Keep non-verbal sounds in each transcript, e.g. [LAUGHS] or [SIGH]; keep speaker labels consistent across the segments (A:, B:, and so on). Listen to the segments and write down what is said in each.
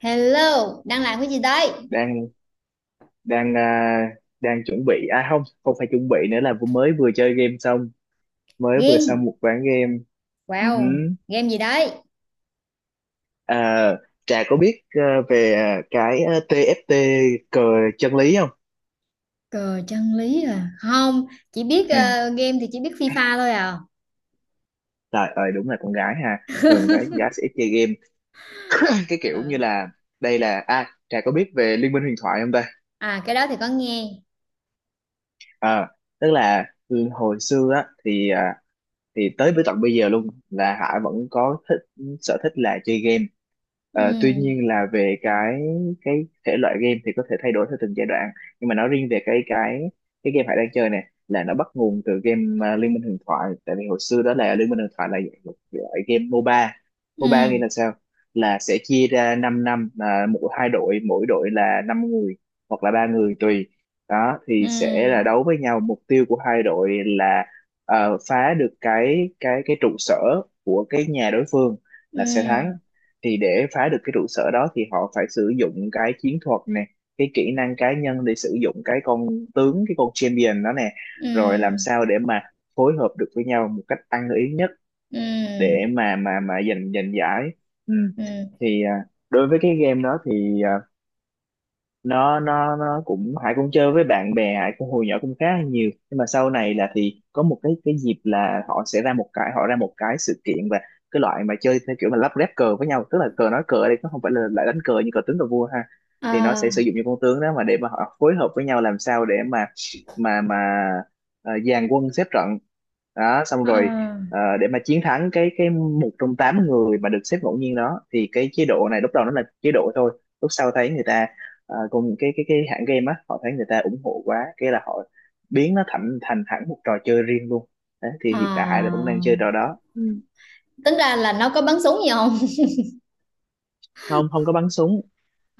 A: Hello, đang làm cái gì đấy?
B: Đang đang à, Đang chuẩn bị, à không không phải chuẩn bị nữa, là mới vừa chơi game xong. Mới vừa xong
A: Game.
B: một ván game. Ừ
A: Wow,
B: hứ.
A: game gì đấy?
B: À, Trà có biết về cái TFT, cờ chân lý không?
A: Cờ chân lý à? Không, chỉ biết
B: Ừ.
A: game thì chỉ biết FIFA thôi à.
B: Trời ơi, đúng là con gái ha, thường phải gái sẽ ít chơi game. [COUGHS] Cái kiểu như
A: Ờ.
B: là đây là, Trà có biết về Liên minh huyền thoại không ta?
A: À, cái đó thì có nghe.
B: Ờ, tức là hồi xưa á thì, thì tới với tận bây giờ luôn là Hải vẫn có thích sở thích là chơi game. Ờ, tuy
A: Ừ,
B: nhiên là về cái thể loại game thì có thể thay đổi theo từng giai đoạn, nhưng mà nói riêng về cái game Hải đang chơi này, là nó bắt nguồn từ game Liên minh huyền thoại. Tại vì hồi xưa đó là Liên minh huyền thoại là một loại game MOBA. MOBA nghĩa
A: ừ,
B: là sao? Là sẽ chia ra 5, năm năm, à, mỗi, hai đội mỗi đội là 5 người, hoặc là 3 người tùy. Đó thì sẽ là
A: ừ,
B: đấu với nhau, mục tiêu của 2 đội là phá được cái trụ sở của cái nhà đối phương là sẽ
A: ừ,
B: thắng. Thì để phá được cái trụ sở đó thì họ phải sử dụng cái chiến thuật nè, cái kỹ năng cá nhân, để sử dụng cái con tướng, cái con champion đó nè. Rồi làm
A: ừ,
B: sao để mà phối hợp được với nhau một cách ăn ý nhất,
A: ừ,
B: để mà giành giành giải. Ừ.
A: ừ.
B: Thì đối với cái game đó thì nó cũng Hải cũng chơi với bạn bè. Hải cũng hồi nhỏ cũng khá là nhiều, nhưng mà sau này là thì có một cái dịp là họ sẽ ra một cái, họ ra một cái sự kiện, và cái loại mà chơi theo kiểu mà lắp ghép cờ với nhau, tức là cờ, nói cờ ở đây nó không phải là lại đánh cờ như cờ tướng, cờ vua ha. Thì nó
A: Ờ,
B: sẽ sử dụng những con tướng đó mà để mà họ phối hợp với nhau, làm sao để mà mà mà dàn quân xếp trận đó, xong
A: ờ,
B: rồi ờ, để mà chiến thắng cái một trong 8 người mà được xếp ngẫu nhiên đó. Thì cái chế độ này lúc đầu nó là chế độ thôi, lúc sau thấy người ta, à, cùng cái hãng game á, họ thấy người ta ủng hộ quá, cái là họ biến nó thành thành hẳn một trò chơi riêng luôn. Đấy thì hiện tại là
A: ờ.
B: vẫn đang chơi trò đó. Ừ.
A: Tính ra là nó có bắn súng gì không? [LAUGHS]
B: Không, không có bắn súng.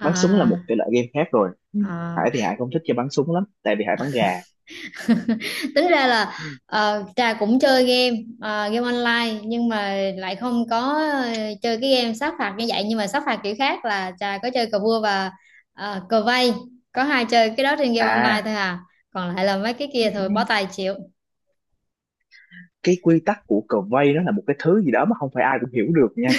B: Bắn súng là một thể loại game khác rồi. Ừ.
A: à.
B: Hải thì Hải không thích chơi bắn súng lắm, tại vì Hải bắn gà.
A: [LAUGHS] Tính ra là
B: Ừ.
A: Trà cũng chơi game, game online, nhưng mà lại không có, ờ, chơi cái game sát phạt như vậy. Nhưng mà sát phạt kiểu khác là Trà có chơi cờ vua và cờ vây, có hai chơi cái đó trên game online
B: À.
A: thôi à, còn lại là mấy cái
B: Ừ
A: kia thôi
B: ừ.
A: bó tay chịu.
B: Cái quy tắc của cờ vây nó là một cái thứ gì đó mà không phải ai cũng hiểu được nha.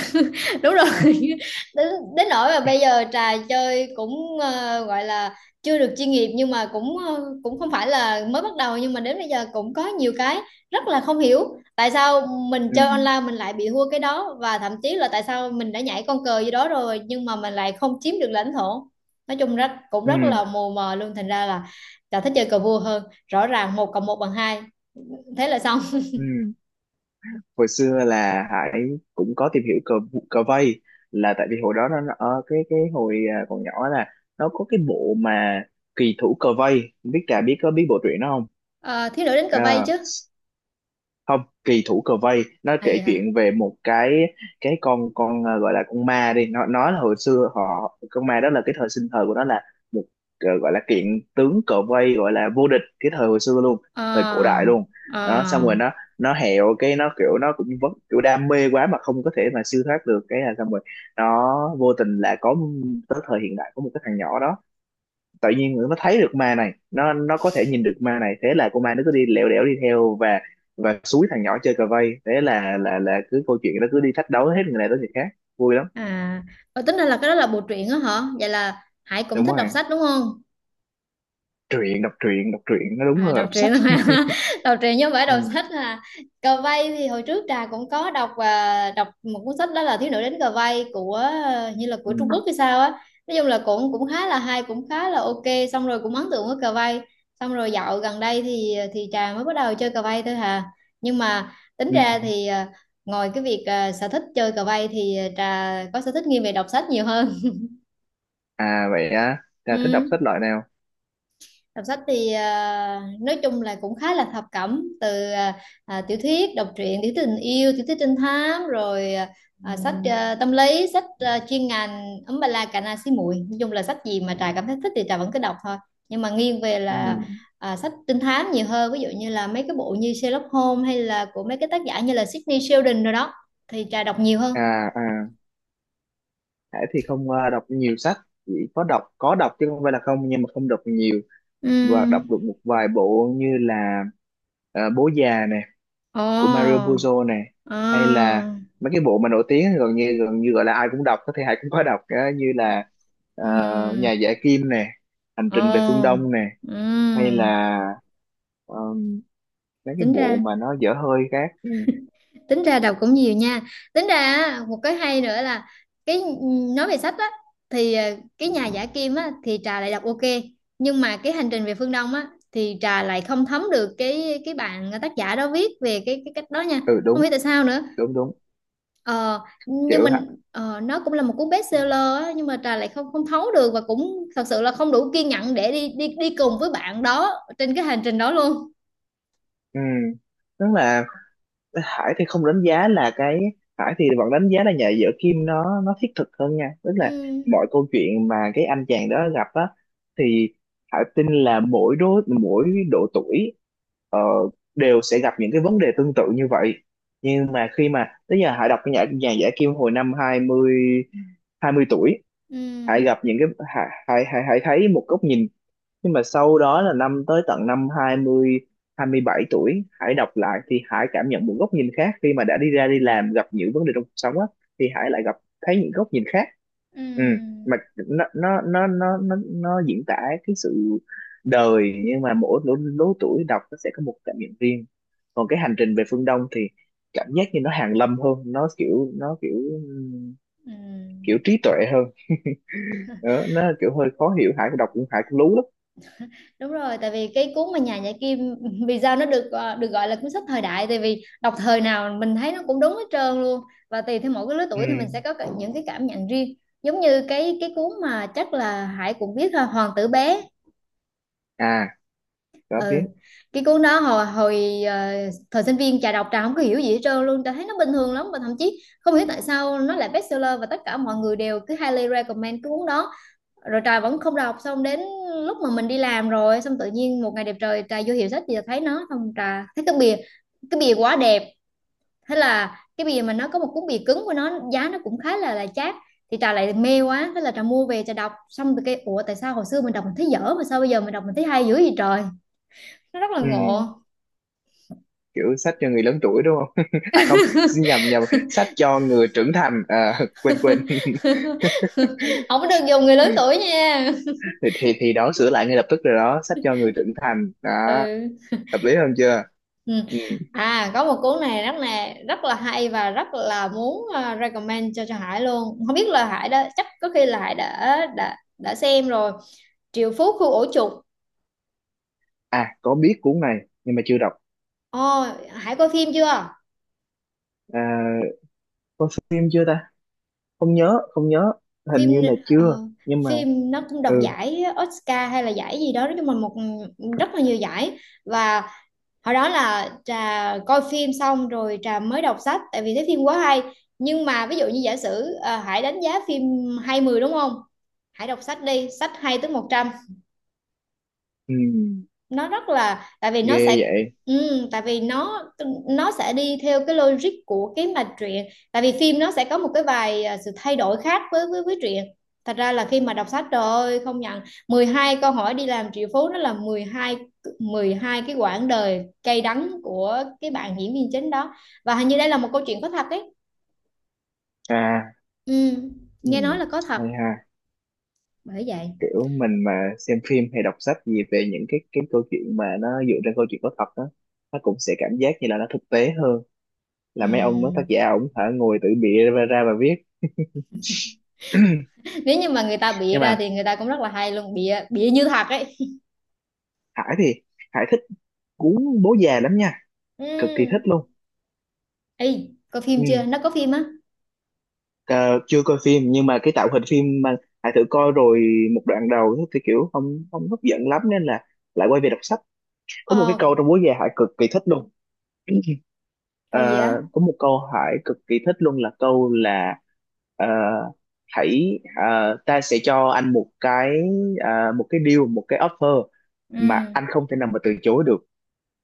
A: Đúng rồi.
B: Ừ.
A: [LAUGHS] Đến, đến nỗi mà bây
B: [LAUGHS]
A: giờ trà chơi cũng gọi là chưa được chuyên nghiệp, nhưng mà cũng cũng không phải là mới bắt đầu, nhưng mà đến bây giờ cũng có nhiều cái rất là không hiểu tại sao mình chơi online mình lại bị thua cái đó, và thậm chí là tại sao mình đã nhảy con cờ gì đó rồi nhưng mà mình lại không chiếm được lãnh thổ. Nói chung rất cũng rất
B: Ừ
A: là mù mờ luôn, thành ra là trà thích chơi cờ vua hơn. Rõ ràng một cộng một bằng hai, thế là xong.
B: ừ. Hồi xưa là Hải cũng có tìm hiểu cờ cờ vây, là tại vì hồi đó cái hồi còn nhỏ là, nó có cái bộ mà kỳ thủ cờ vây. Không biết Trà có biết bộ truyện đó không?
A: Ờ, thiếu nữ đánh cờ vây
B: Ờ,
A: chứ.
B: không, kỳ thủ cờ vây nó
A: À
B: kể
A: dạ.
B: chuyện về một cái, con ờ, gọi là con ma đi. Nó là hồi xưa họ, con ma đó là cái thời sinh thời của nó là một, ờ, gọi là kiện tướng cờ vây, gọi là vô địch cái thời hồi xưa luôn, thời cổ
A: À,
B: đại luôn. Đó, xong
A: à.
B: rồi nó hẹo cái nó kiểu nó cũng vẫn kiểu đam mê quá mà không có thể mà siêu thoát được, cái là xong rồi nó vô tình lại có, tới thời hiện đại có một cái thằng nhỏ đó tự nhiên nó thấy được ma này. Nó có thể nhìn được ma này, thế là con ma nó cứ đi lẻo đẻo đi theo và xúi thằng nhỏ chơi cờ vây. Thế là cứ câu chuyện nó cứ đi thách đấu hết người này tới người khác. Vui lắm.
A: À, tính ra là cái đó là bộ truyện á hả? Vậy là Hải cũng
B: Đúng
A: thích đọc
B: rồi.
A: sách đúng không?
B: Truyện đọc truyện Đọc truyện nó đúng
A: À,
B: hơn là
A: đọc
B: đọc sách.
A: truyện mà.
B: [LAUGHS]
A: [LAUGHS] Đọc truyện chứ không phải đọc
B: Ừ,
A: sách à. Cờ vây thì hồi trước Trà cũng có đọc, và đọc một cuốn sách đó là Thiếu nữ đến cờ vây của như là của
B: ừ,
A: Trung Quốc hay sao á. Nói chung là cũng cũng khá là hay, cũng khá là ok. Xong rồi cũng ấn tượng với cờ vây. Xong rồi dạo gần đây thì Trà mới bắt đầu chơi cờ vây thôi hà. Nhưng mà tính
B: ừ.
A: ra thì ngoài cái việc sở thích chơi cờ vây thì Trà có sở thích nghiêng về đọc sách nhiều hơn.
B: À vậy
A: [LAUGHS]
B: á, là thích đọc sách
A: Ừ.
B: loại nào?
A: Đọc sách thì nói chung là cũng khá là thập cẩm từ tiểu thuyết, đọc truyện, tiểu thuyết tình yêu, tiểu thuyết trinh thám, rồi sách tâm lý, sách chuyên ngành ấm ba la cà na xí muội. Nói chung là sách gì mà Trà cảm thấy thích thì Trà vẫn cứ đọc thôi. Nhưng mà nghiêng về
B: Ừ.
A: là sách trinh thám nhiều hơn, ví dụ như là mấy cái bộ như Sherlock Holmes, hay là của mấy cái tác giả như là Sidney Sheldon rồi đó, thì Trà đọc nhiều hơn.
B: À à. Hải thì không đọc nhiều sách, chỉ có đọc, chứ không phải là không, nhưng mà không đọc nhiều. Và đọc
A: Ừ.
B: được một vài bộ như là ờ, bố già nè, của Mario
A: Ồ.
B: Puzo này, hay là
A: À.
B: mấy cái bộ mà nổi tiếng gần như gọi là ai cũng đọc, có thể ai cũng có đọc á, như là ờ,
A: Ừ.
B: Nhà Giả Kim nè, Hành Trình Về Phương
A: Ồ.
B: Đông nè, hay
A: Ừ.
B: là ờm, mấy cái
A: tính
B: bộ
A: ra
B: mà nó dở hơi khác. Ừ.
A: tính ra đọc cũng nhiều nha. Tính ra á, một cái hay nữa là cái nói về sách á, thì cái nhà giả kim á thì trà lại đọc ok, nhưng mà cái hành trình về phương Đông á thì trà lại không thấm được cái bạn tác giả đó viết về cái cách đó nha.
B: Ừ
A: Không
B: đúng
A: biết tại sao nữa.
B: đúng đúng.
A: ờ, nhưng
B: Kiểu hả.
A: mình nó cũng là một cuốn bestseller á, nhưng mà trà lại không không thấu được, và cũng thật sự là không đủ kiên nhẫn để đi đi đi cùng với bạn đó trên cái hành trình đó luôn.
B: Ừ, tức là Hải thì không đánh giá là cái, Hải thì vẫn đánh giá là Nhà vợ Kim nó thiết thực hơn nha, tức
A: ừ
B: là, Ừ, mọi câu chuyện mà cái anh chàng đó gặp á, thì Hải tin là mỗi độ tuổi ờ, đều sẽ gặp những cái vấn đề tương tự như vậy. Nhưng mà khi mà tới giờ Hải đọc cái nhà nhà giả Kim hồi năm hai mươi, 20 tuổi,
A: ừ
B: hãy gặp những cái, hãy hãy hãy hãy thấy một góc nhìn. Nhưng mà sau đó là năm tới tận năm hai hai mươi, 27 tuổi, hãy đọc lại thì hãy cảm nhận một góc nhìn khác, khi mà đã đi ra đi làm gặp những vấn đề trong cuộc sống á, thì hãy lại gặp, thấy những góc nhìn khác. Ừ.
A: ừ
B: Mà nó diễn tả cái sự đời, nhưng mà mỗi lứa tuổi đọc nó sẽ có một cảm nhận riêng. Còn cái Hành trình về phương Đông thì cảm giác như nó hàn lâm hơn, nó kiểu,
A: ừ ừ
B: kiểu trí tuệ hơn. [LAUGHS] Đó, nó kiểu hơi khó hiểu, Hải đọc cũng lú lắm.
A: Đúng rồi, tại vì cái cuốn mà Nhà Nhã Kim, [LAUGHS] vì sao nó được được gọi là cuốn sách thời đại, tại vì đọc thời nào mình thấy nó cũng đúng hết trơn luôn, và tùy theo mỗi cái lứa
B: Ừ.
A: tuổi thì mình sẽ có những cái cảm nhận riêng. Giống như cái cuốn mà chắc là Hải cũng biết ha, Hoàng tử bé.
B: À có
A: Ừ.
B: biết.
A: Cái cuốn đó hồi hồi thời sinh viên trà đọc, trà không có hiểu gì hết trơn luôn, trà thấy nó bình thường lắm, và thậm chí không hiểu tại sao nó lại bestseller và tất cả mọi người đều cứ highly recommend cái cuốn đó. Rồi Trà vẫn không đọc, xong đến lúc mà mình đi làm rồi, xong tự nhiên một ngày đẹp trời Trà vô hiệu sách thì thấy nó, xong Trà thấy cái bìa, cái bìa quá đẹp, thế là cái bìa mà nó có một cuốn bìa cứng của nó giá nó cũng khá là chát, thì Trà lại mê quá, thế là Trà mua về, Trà đọc xong rồi cái ủa tại sao hồi xưa mình đọc mình thấy dở mà sao bây giờ mình đọc mình thấy hay dữ vậy trời, nó rất là
B: Ừ.
A: ngộ.
B: Kiểu sách cho người lớn tuổi đúng không? [LAUGHS] À không, xin nhầm nhầm, sách cho người trưởng thành [LAUGHS] quên quên [LAUGHS]
A: [LAUGHS] Không có được dùng người lớn tuổi nha.
B: Thì đó, sửa lại ngay lập tức rồi đó, sách cho người trưởng thành
A: [LAUGHS]
B: đó,
A: Ừ.
B: hợp lý hơn chưa?
A: Ừ.
B: Ừ.
A: À, có một cuốn này rất là hay, và rất là muốn recommend cho Hải luôn. Không biết là Hải đã, chắc có khi là Hải đã đã xem rồi. Triệu Phú Khu Ổ Chuột.
B: À, có biết cuốn này nhưng mà chưa đọc.
A: Ồ, Hải coi phim chưa?
B: à, có phim chưa ta? Không nhớ, không nhớ. Hình
A: Phim,
B: như là
A: ờ,
B: chưa. Nhưng mà,
A: phim nó cũng đoạt
B: ừ,
A: giải Oscar hay là giải gì đó, nói chung là một rất là nhiều giải, và hồi đó là trà coi phim xong rồi trà mới đọc sách, tại vì thấy phim quá hay. Nhưng mà ví dụ như giả sử Hải đánh giá phim hay 10 đúng không, Hải đọc sách đi, sách hay tới 100.
B: ừ.
A: Nó rất là, tại vì nó
B: Ghê
A: sẽ,
B: vậy.
A: ừ, tại vì nó sẽ đi theo cái logic của cái mạch truyện, tại vì phim nó sẽ có một cái vài sự thay đổi khác với với truyện. Thật ra là khi mà đọc sách trời ơi không nhận, 12 câu hỏi đi làm triệu phú, nó là 12 cái quãng đời cay đắng của cái bạn diễn viên chính đó, và hình như đây là một câu chuyện có thật ấy.
B: À.
A: Ừ,
B: Ừ.
A: nghe nói là có thật.
B: Hay ha.
A: Bởi vậy.
B: Kiểu mình mà xem phim hay đọc sách gì về những cái câu chuyện mà nó dựa trên câu chuyện có thật đó, nó cũng sẽ cảm giác như là nó thực tế hơn, là mấy ông đó, tác
A: Ừ.
B: giả ổng phải ngồi tự bịa ra và viết. [CLEARS THROAT]
A: Nếu như mà người ta bịa
B: Nhưng
A: ra
B: mà
A: thì người ta cũng rất là hay luôn, bịa bịa như thật ấy.
B: Hải thì Hải thích, cuốn bố già lắm nha,
A: Ừ.
B: cực kỳ thích luôn.
A: Ê, coi
B: Ừ.
A: phim chưa? Nó có phim á?
B: Ờ, chưa coi phim, nhưng mà cái tạo hình phim mà Hải thử coi rồi một đoạn đầu, thì kiểu không không hấp dẫn lắm nên là lại quay về đọc sách. Có một cái
A: Ờ,
B: câu trong bố già Hải cực kỳ thích luôn, Ờ,
A: cậu gì á?
B: có một câu hỏi cực kỳ thích luôn là câu là ờ, ta sẽ cho anh một cái một cái deal, một cái offer
A: Ừ,
B: mà anh không thể nào mà từ chối được.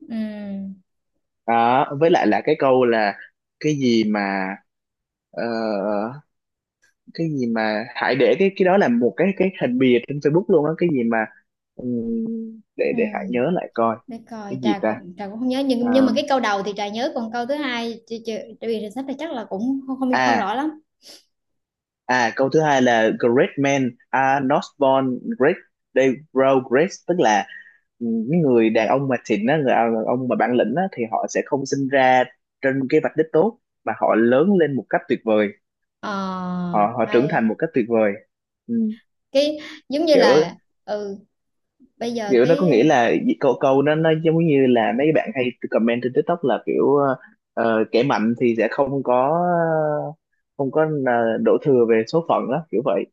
A: ừ,
B: Đó, với lại là cái câu là, cái gì mà ờ, cái gì mà hãy để cái đó là một cái hình bìa trên Facebook luôn á, cái gì mà ừm,
A: ừ.
B: để hãy nhớ lại coi.
A: Để coi,
B: Cái gì ta?
A: trà cũng không nhớ.
B: Ờ,
A: Nhưng mà cái câu đầu thì trà nhớ, còn câu thứ hai, trừ vì sách thì chắc là cũng không
B: À.
A: rõ lắm.
B: À, câu thứ hai là Great men are not born great, they grow great. Tức là những người đàn ông mà xịn á, người đàn ông mà bản lĩnh á, thì họ sẽ không sinh ra trên cái vạch đích tốt, mà họ lớn lên một cách tuyệt vời,
A: Ờ,
B: họ họ trưởng thành một
A: hay.
B: cách tuyệt vời. Ừ.
A: Cái, giống như
B: Kiểu
A: là, ừ, bây giờ
B: Kiểu nó có
A: cái,
B: nghĩa là, câu câu nó giống như là mấy bạn hay comment trên TikTok là kiểu ờ, kẻ mạnh thì sẽ không có đổ thừa về số phận đó, kiểu vậy.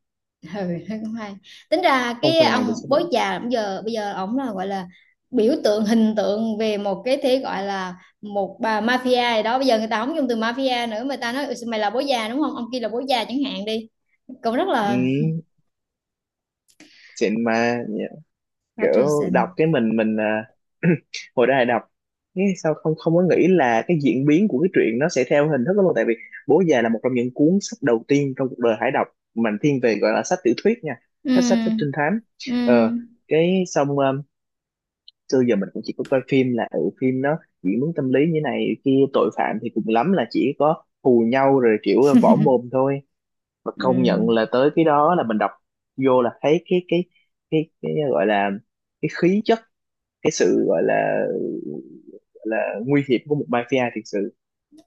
A: ừ. [LAUGHS] Nó cũng hay. Tính ra
B: Không
A: cái
B: phàn nàn về
A: ông
B: số
A: bố
B: phận.
A: già, bây giờ ổng là gọi là biểu tượng, hình tượng về một cái thế gọi là một bà mafia gì đó. Bây giờ người ta không dùng từ mafia nữa mà ta nói "Ừ, mày là bố già đúng không, ông kia là bố già chẳng hạn đi. Cũng rất
B: Ừ.
A: là
B: Xịn mà. Kiểu đọc
A: Patrician.
B: cái mình à, [CLEARS THROAT] hồi đó là đọc cái, sao không không có nghĩ là cái diễn biến của cái truyện nó sẽ theo hình thức đó luôn, tại vì bố già là một trong những cuốn sách đầu tiên trong cuộc đời Hải đọc, mình thiên về gọi là sách tiểu thuyết nha,
A: ừ
B: sách sách sách trinh thám,
A: ừ
B: ờ, cái xong xưa giờ mình cũng chỉ có coi phim là ở phim nó diễn biến tâm lý như này kia, tội phạm thì cùng lắm là chỉ có hù nhau rồi kiểu võ mồm thôi. Và
A: ừ
B: công nhận là tới cái đó là mình đọc vô là thấy cái gọi là cái khí chất, cái sự gọi là, gọi là nguy hiểm của một mafia thực sự.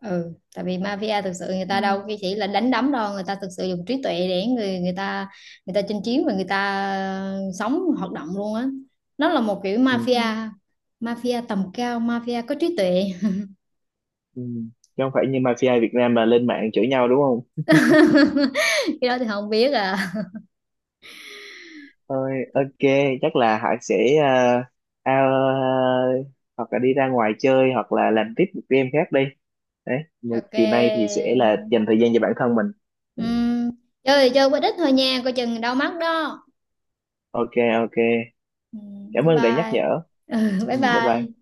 A: ừ Tại vì mafia thực sự người
B: Ừ.
A: ta đâu cái chỉ là đánh đấm đâu, người ta thực sự dùng trí tuệ để người người ta, người ta chinh chiến và người ta sống hoạt động luôn á. Nó là một kiểu
B: Ừ.
A: mafia, mafia tầm cao, mafia có trí tuệ.
B: Ừ. Chứ không phải như mafia Việt Nam mà lên mạng chửi nhau đúng không.
A: [LAUGHS] Cái đó thì không biết à.
B: Thôi, ok, chắc là Hải sẽ ao- ờ, hoặc là đi ra ngoài chơi hoặc là làm tiếp một game khác đi, đấy mà
A: Ok.
B: chiều nay thì sẽ là dành thời gian cho bản thân mình.
A: Ừm, chơi thì chơi quá ít thôi nha, coi chừng đau mắt đó.
B: Ok. Ok. Cảm
A: Bye
B: ơn đã nhắc
A: bye.
B: nhở.
A: Ừ, bye
B: Ừ, bye bye.
A: bye.